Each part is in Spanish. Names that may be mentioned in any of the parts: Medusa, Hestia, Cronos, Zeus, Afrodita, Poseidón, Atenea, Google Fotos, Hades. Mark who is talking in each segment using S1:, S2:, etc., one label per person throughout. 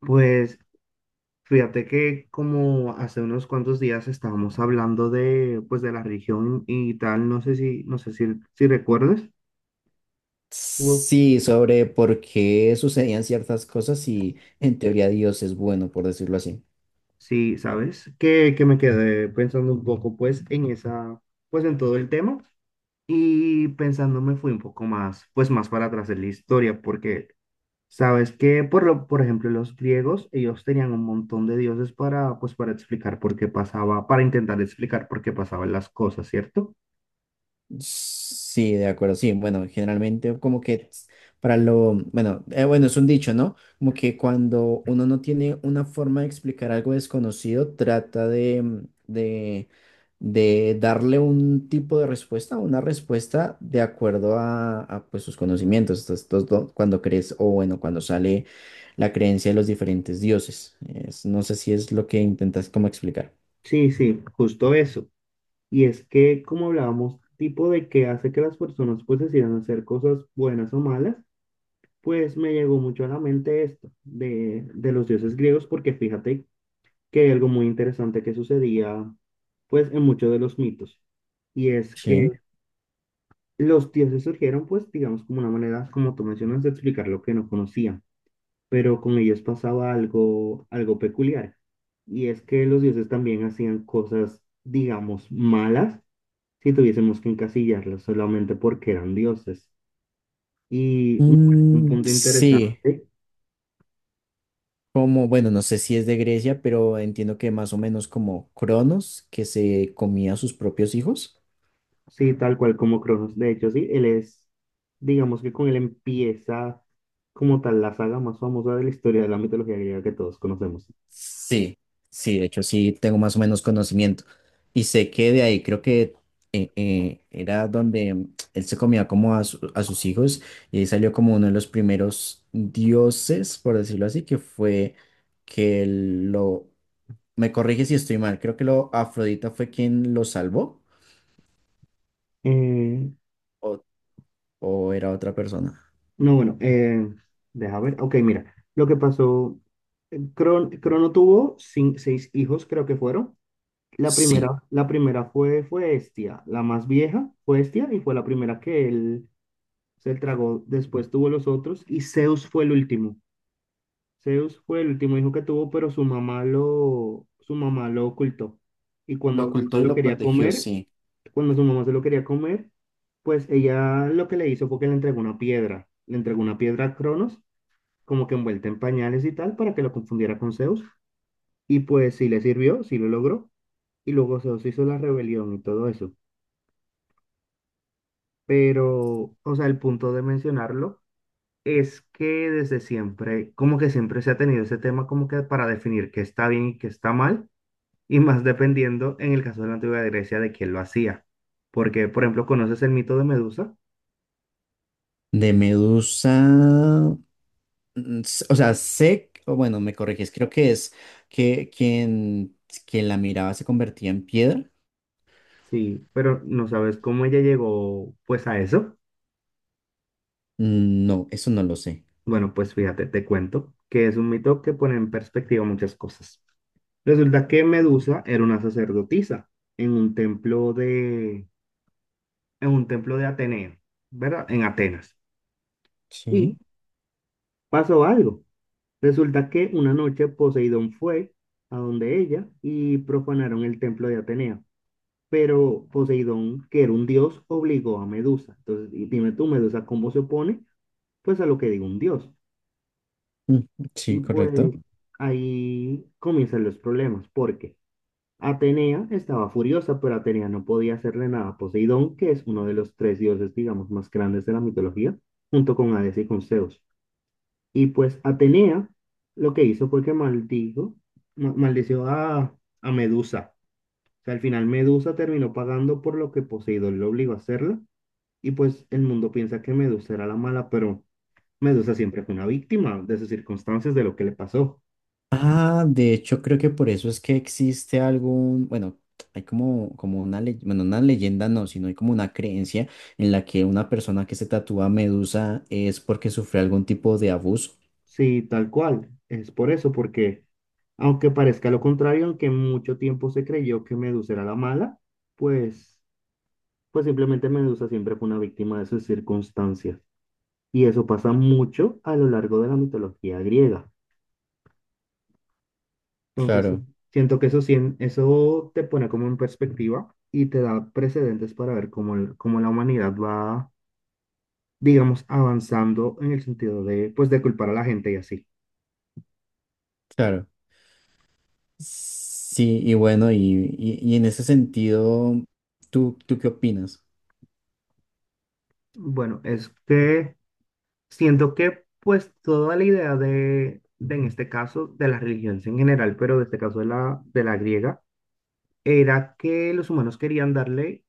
S1: Pues fíjate que como hace unos cuantos días estábamos hablando de pues de la religión y tal, no sé si no sé si, si recuerdas o
S2: Sí, sobre por qué sucedían ciertas cosas y en teoría Dios es bueno, por decirlo así.
S1: si sabes que me quedé pensando un poco pues en esa pues en todo el tema y pensando me fui un poco más pues más para atrás en la historia porque sabes que por ejemplo los griegos ellos tenían un montón de dioses para pues para explicar por qué pasaba para intentar explicar por qué pasaban las cosas, ¿cierto?
S2: Sí, de acuerdo, sí. Bueno, generalmente como que es para lo, bueno, bueno, es un dicho, ¿no? Como que cuando uno no tiene una forma de explicar algo desconocido, trata de darle un tipo de respuesta, una respuesta de acuerdo a pues, sus conocimientos. Cuando crees, o bueno, cuando sale la creencia de los diferentes dioses. Es- no sé si es lo que intentas como explicar.
S1: Sí, sí, justo eso. Y es que, como hablábamos, tipo de que hace que las personas pues decidan hacer cosas buenas o malas, pues me llegó mucho a la mente esto de los dioses griegos, porque fíjate que hay algo muy interesante que sucedía pues en muchos de los mitos. Y es
S2: Sí.
S1: que los dioses surgieron pues digamos como una manera, como tú mencionas, de explicar lo que no conocían, pero con ellos pasaba algo, algo peculiar. Y es que los dioses también hacían cosas, digamos, malas si tuviésemos que encasillarlos solamente porque eran dioses. Y me parece un
S2: Mm,
S1: punto
S2: sí,
S1: interesante,
S2: como, bueno, no sé si es de Grecia, pero entiendo que más o menos como Cronos, que se comía a sus propios hijos.
S1: sí, tal cual como Cronos, de hecho, sí, él es, digamos que con él empieza como tal la saga más famosa de la historia de la mitología griega que todos conocemos.
S2: Sí, sí, de hecho sí tengo más o menos conocimiento. Y sé que de ahí creo que era donde mm, él se comía como a, a sus hijos y ahí salió como uno de los primeros dioses, por decirlo así, que fue que lo... Me corrige si estoy mal, creo que lo Afrodita fue quien lo salvó
S1: Eh,
S2: o, o era otra persona.
S1: no, bueno, deja ver, ok, mira, lo que pasó, Crono tuvo seis hijos, creo que fueron. La
S2: Sí,
S1: primera, la primera fue, fue Hestia, la más vieja fue Hestia y fue la primera que él se tragó, después tuvo los otros y Zeus fue el último. Zeus fue el último hijo que tuvo, pero su mamá lo ocultó. Y
S2: lo ocultó y
S1: se lo
S2: lo
S1: quería
S2: protegió,
S1: comer,
S2: sí.
S1: cuando su mamá se lo quería comer, pues ella lo que le hizo fue que le entregó una piedra, le entregó una piedra a Cronos, como que envuelta en pañales y tal, para que lo confundiera con Zeus. Y pues sí le sirvió, sí lo logró. Y luego Zeus hizo la rebelión y todo eso. Pero, o sea, el punto de mencionarlo es que desde siempre, como que siempre se ha tenido ese tema como que para definir qué está bien y qué está mal, y más dependiendo en el caso de la antigua Grecia de quién lo hacía. Porque, por ejemplo, ¿conoces el mito de Medusa?
S2: De Medusa. O sea, sé, o bueno, me corriges, creo que es que quien, quien la miraba se convertía en piedra.
S1: Sí, pero no sabes cómo ella llegó pues a eso.
S2: Mm, no, eso no lo sé.
S1: Bueno, pues fíjate, te cuento que es un mito que pone en perspectiva muchas cosas. Resulta que Medusa era una sacerdotisa en un templo de, en un templo de Ateneo, ¿verdad? En Atenas. Y
S2: Sí,
S1: pasó algo. Resulta que una noche Poseidón fue a donde ella y profanaron el templo de Atenea. Pero Poseidón, que era un dios, obligó a Medusa. Entonces, y dime tú, Medusa, ¿cómo se opone? Pues a lo que diga un dios.
S2: mm,
S1: Y
S2: sí,
S1: pues
S2: correcto.
S1: ahí comienzan los problemas, porque Atenea estaba furiosa, pero Atenea no podía hacerle nada a Poseidón, que es uno de los tres dioses, digamos, más grandes de la mitología, junto con Hades y con Zeus. Y pues Atenea lo que hizo fue que maldijo, maldició a Medusa. O sea, al final Medusa terminó pagando por lo que Poseidón le obligó a hacerla. Y pues el mundo piensa que Medusa era la mala, pero Medusa siempre fue una víctima de sus circunstancias, de lo que le pasó.
S2: Ah, de hecho, creo que por eso es que existe algún, bueno, hay como, como una leyenda, bueno, una leyenda no, sino hay como una creencia en la que una persona que se tatúa medusa es porque sufre algún tipo de abuso.
S1: Sí, tal cual. Es por eso, porque aunque parezca lo contrario, aunque mucho tiempo se creyó que Medusa era la mala, pues, pues simplemente Medusa siempre fue una víctima de sus circunstancias. Y eso pasa mucho a lo largo de la mitología griega. Entonces, sí,
S2: Claro,
S1: siento que eso, eso te pone como en perspectiva y te da precedentes para ver cómo, cómo la humanidad va, digamos, avanzando en el sentido de, pues, de culpar a la gente y así.
S2: claro. Sí, y bueno, y, y en ese sentido, tú qué opinas?
S1: Bueno, es que siento que, pues, toda la idea en este caso, de las religiones en general, pero de este caso de de la griega, era que los humanos querían darle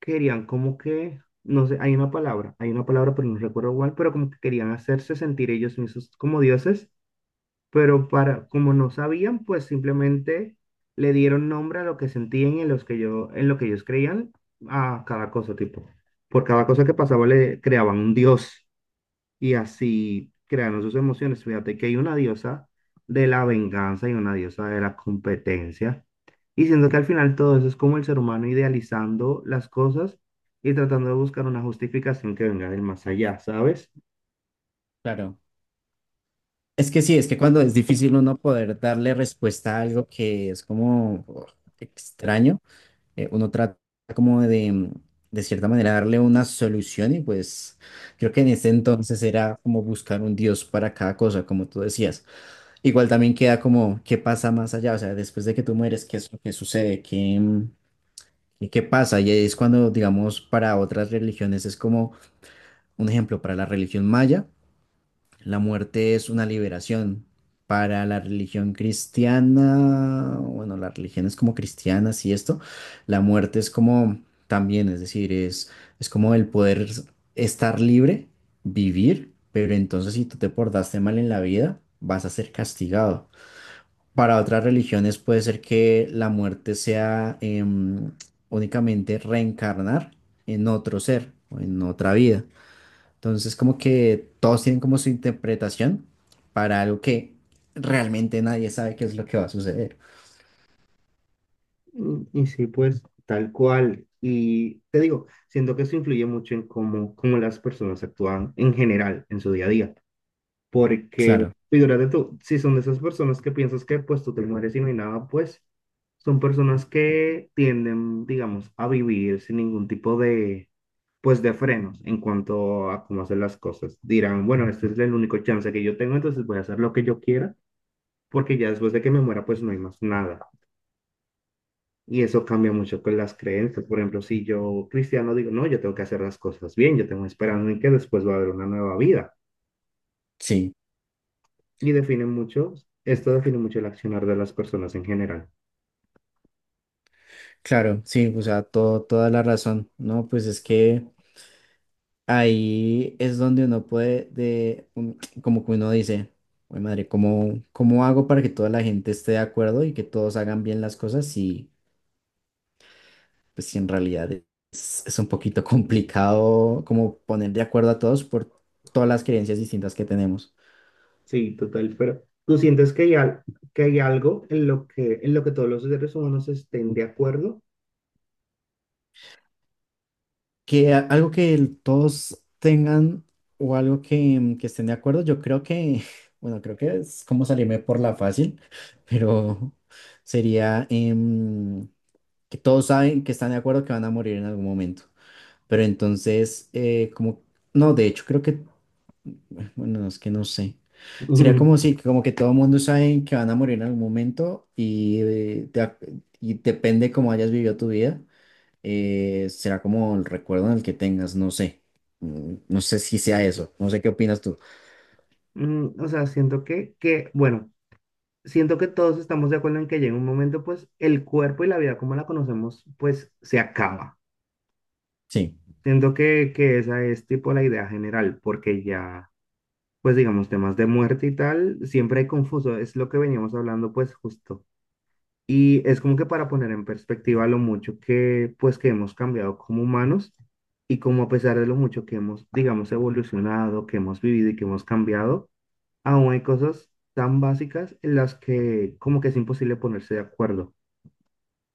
S1: querían como que, no sé, hay una palabra, pero no recuerdo cuál, pero como que querían hacerse sentir ellos mismos como dioses, pero para, como no sabían, pues simplemente le dieron nombre a lo que sentían y en los que yo, en lo que ellos creían a cada cosa, tipo. Por cada cosa que pasaba le creaban un dios y así crearon sus emociones. Fíjate que hay una diosa de la venganza y una diosa de la competencia. Y siento que al final todo eso es como el ser humano idealizando las cosas y tratando de buscar una justificación que venga del más allá, ¿sabes?
S2: Claro. Es que sí, es que cuando es difícil uno poder darle respuesta a algo que es como oh, extraño, uno trata como de cierta manera, darle una solución y pues creo que en ese entonces era como buscar un Dios para cada cosa, como tú decías. Igual también queda como, ¿qué pasa más allá? O sea, después de que tú mueres, ¿qué es lo que sucede? ¿Qué, ¿y qué pasa? Y es cuando, digamos, para otras religiones es como un ejemplo, para la religión maya, la muerte es una liberación. Para la religión cristiana, bueno, las religiones como cristianas y esto, la muerte es como también, es decir, es como el poder estar libre, vivir, pero entonces si tú te portaste mal en la vida, vas a ser castigado. Para otras religiones puede ser que la muerte sea em, únicamente reencarnar en otro ser o en otra vida. Entonces, como que todos tienen como su interpretación para algo que realmente nadie sabe qué es lo que va a suceder.
S1: Y sí, pues tal cual. Y te digo, siento que eso influye mucho en cómo, cómo las personas actúan en general en su día a día. Porque,
S2: Claro,
S1: figúrate tú, si son de esas personas que piensas que pues tú te mueres y no hay nada, pues son personas que tienden, digamos, a vivir sin ningún tipo pues de frenos en cuanto a cómo hacer las cosas. Dirán, bueno, este es el único chance que yo tengo, entonces voy a hacer lo que yo quiera, porque ya después de que me muera, pues no hay más nada. Y eso cambia mucho con las creencias. Por ejemplo, si yo, cristiano, digo, no, yo tengo que hacer las cosas bien, yo tengo esperanza en que después va a haber una nueva vida.
S2: sí,
S1: Y define mucho, esto define mucho el accionar de las personas en general.
S2: claro, sí, o sea, todo, toda la razón, ¿no? Pues es que ahí es donde uno puede, de, como que uno dice, "Uy, madre, ¿cómo, cómo hago para que toda la gente esté de acuerdo y que todos hagan bien las cosas? Si pues si en realidad es un poquito complicado como poner de acuerdo a todos por todas las creencias distintas que tenemos.
S1: Sí, total, pero ¿tú sientes que hay, que hay algo en lo que todos los seres humanos estén de acuerdo?
S2: Que algo que todos tengan o algo que, mm, que estén de acuerdo, yo creo que, bueno, creo que es como salirme por la fácil, pero sería... em, que todos saben que están de acuerdo que van a morir en algún momento. Pero entonces, como, no, de hecho creo que, bueno, no, es que no sé. Sería
S1: Ujú.
S2: como si, como que todo el mundo sabe que van a morir en algún momento y, de y depende cómo hayas vivido tu vida, será como el recuerdo en el que tengas, no sé. Mm, no sé si sea eso, no sé qué opinas tú.
S1: Mm, o sea, siento que, bueno, siento que todos estamos de acuerdo en que llega un momento, pues, el cuerpo y la vida como la conocemos, pues, se acaba.
S2: Sí,
S1: Siento que esa es tipo la idea general, porque ya, pues, digamos, temas de muerte y tal, siempre hay confuso, es lo que veníamos hablando, pues, justo. Y es como que para poner en perspectiva lo mucho que, pues, que hemos cambiado como humanos y como a pesar de lo mucho que hemos, digamos, evolucionado, que hemos vivido y que hemos cambiado, aún hay cosas tan básicas en las que como que es imposible ponerse de acuerdo.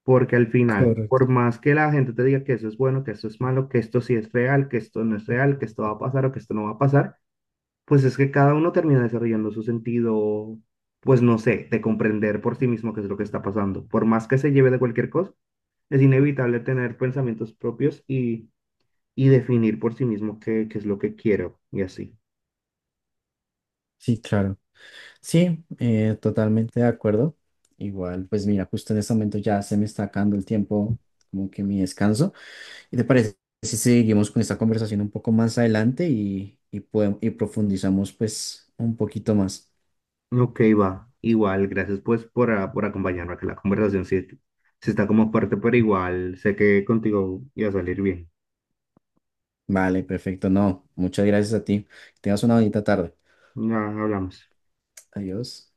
S1: Porque al final,
S2: correcto.
S1: por más que la gente te diga que eso es bueno, que eso es malo, que esto sí es real, que esto no es real, que esto va a pasar o que esto no va a pasar, pues es que cada uno termina desarrollando su sentido, pues no sé, de comprender por sí mismo qué es lo que está pasando. Por más que se lleve de cualquier cosa, es inevitable tener pensamientos propios y definir por sí mismo qué, qué es lo que quiero y así.
S2: Sí, claro. Sí, totalmente de acuerdo. Igual, pues mira, justo en este momento ya se me está acabando el tiempo, como que mi descanso. ¿Y te parece si seguimos con esta conversación un poco más adelante y, y profundizamos pues un poquito más?
S1: Ok, va. Igual, gracias pues por, ah, por acompañarme, que la conversación sí, sí está como fuerte, pero igual sé que contigo iba a salir bien.
S2: Vale, perfecto. No, muchas gracias a ti. Que tengas una bonita tarde.
S1: Ya hablamos.
S2: Adiós.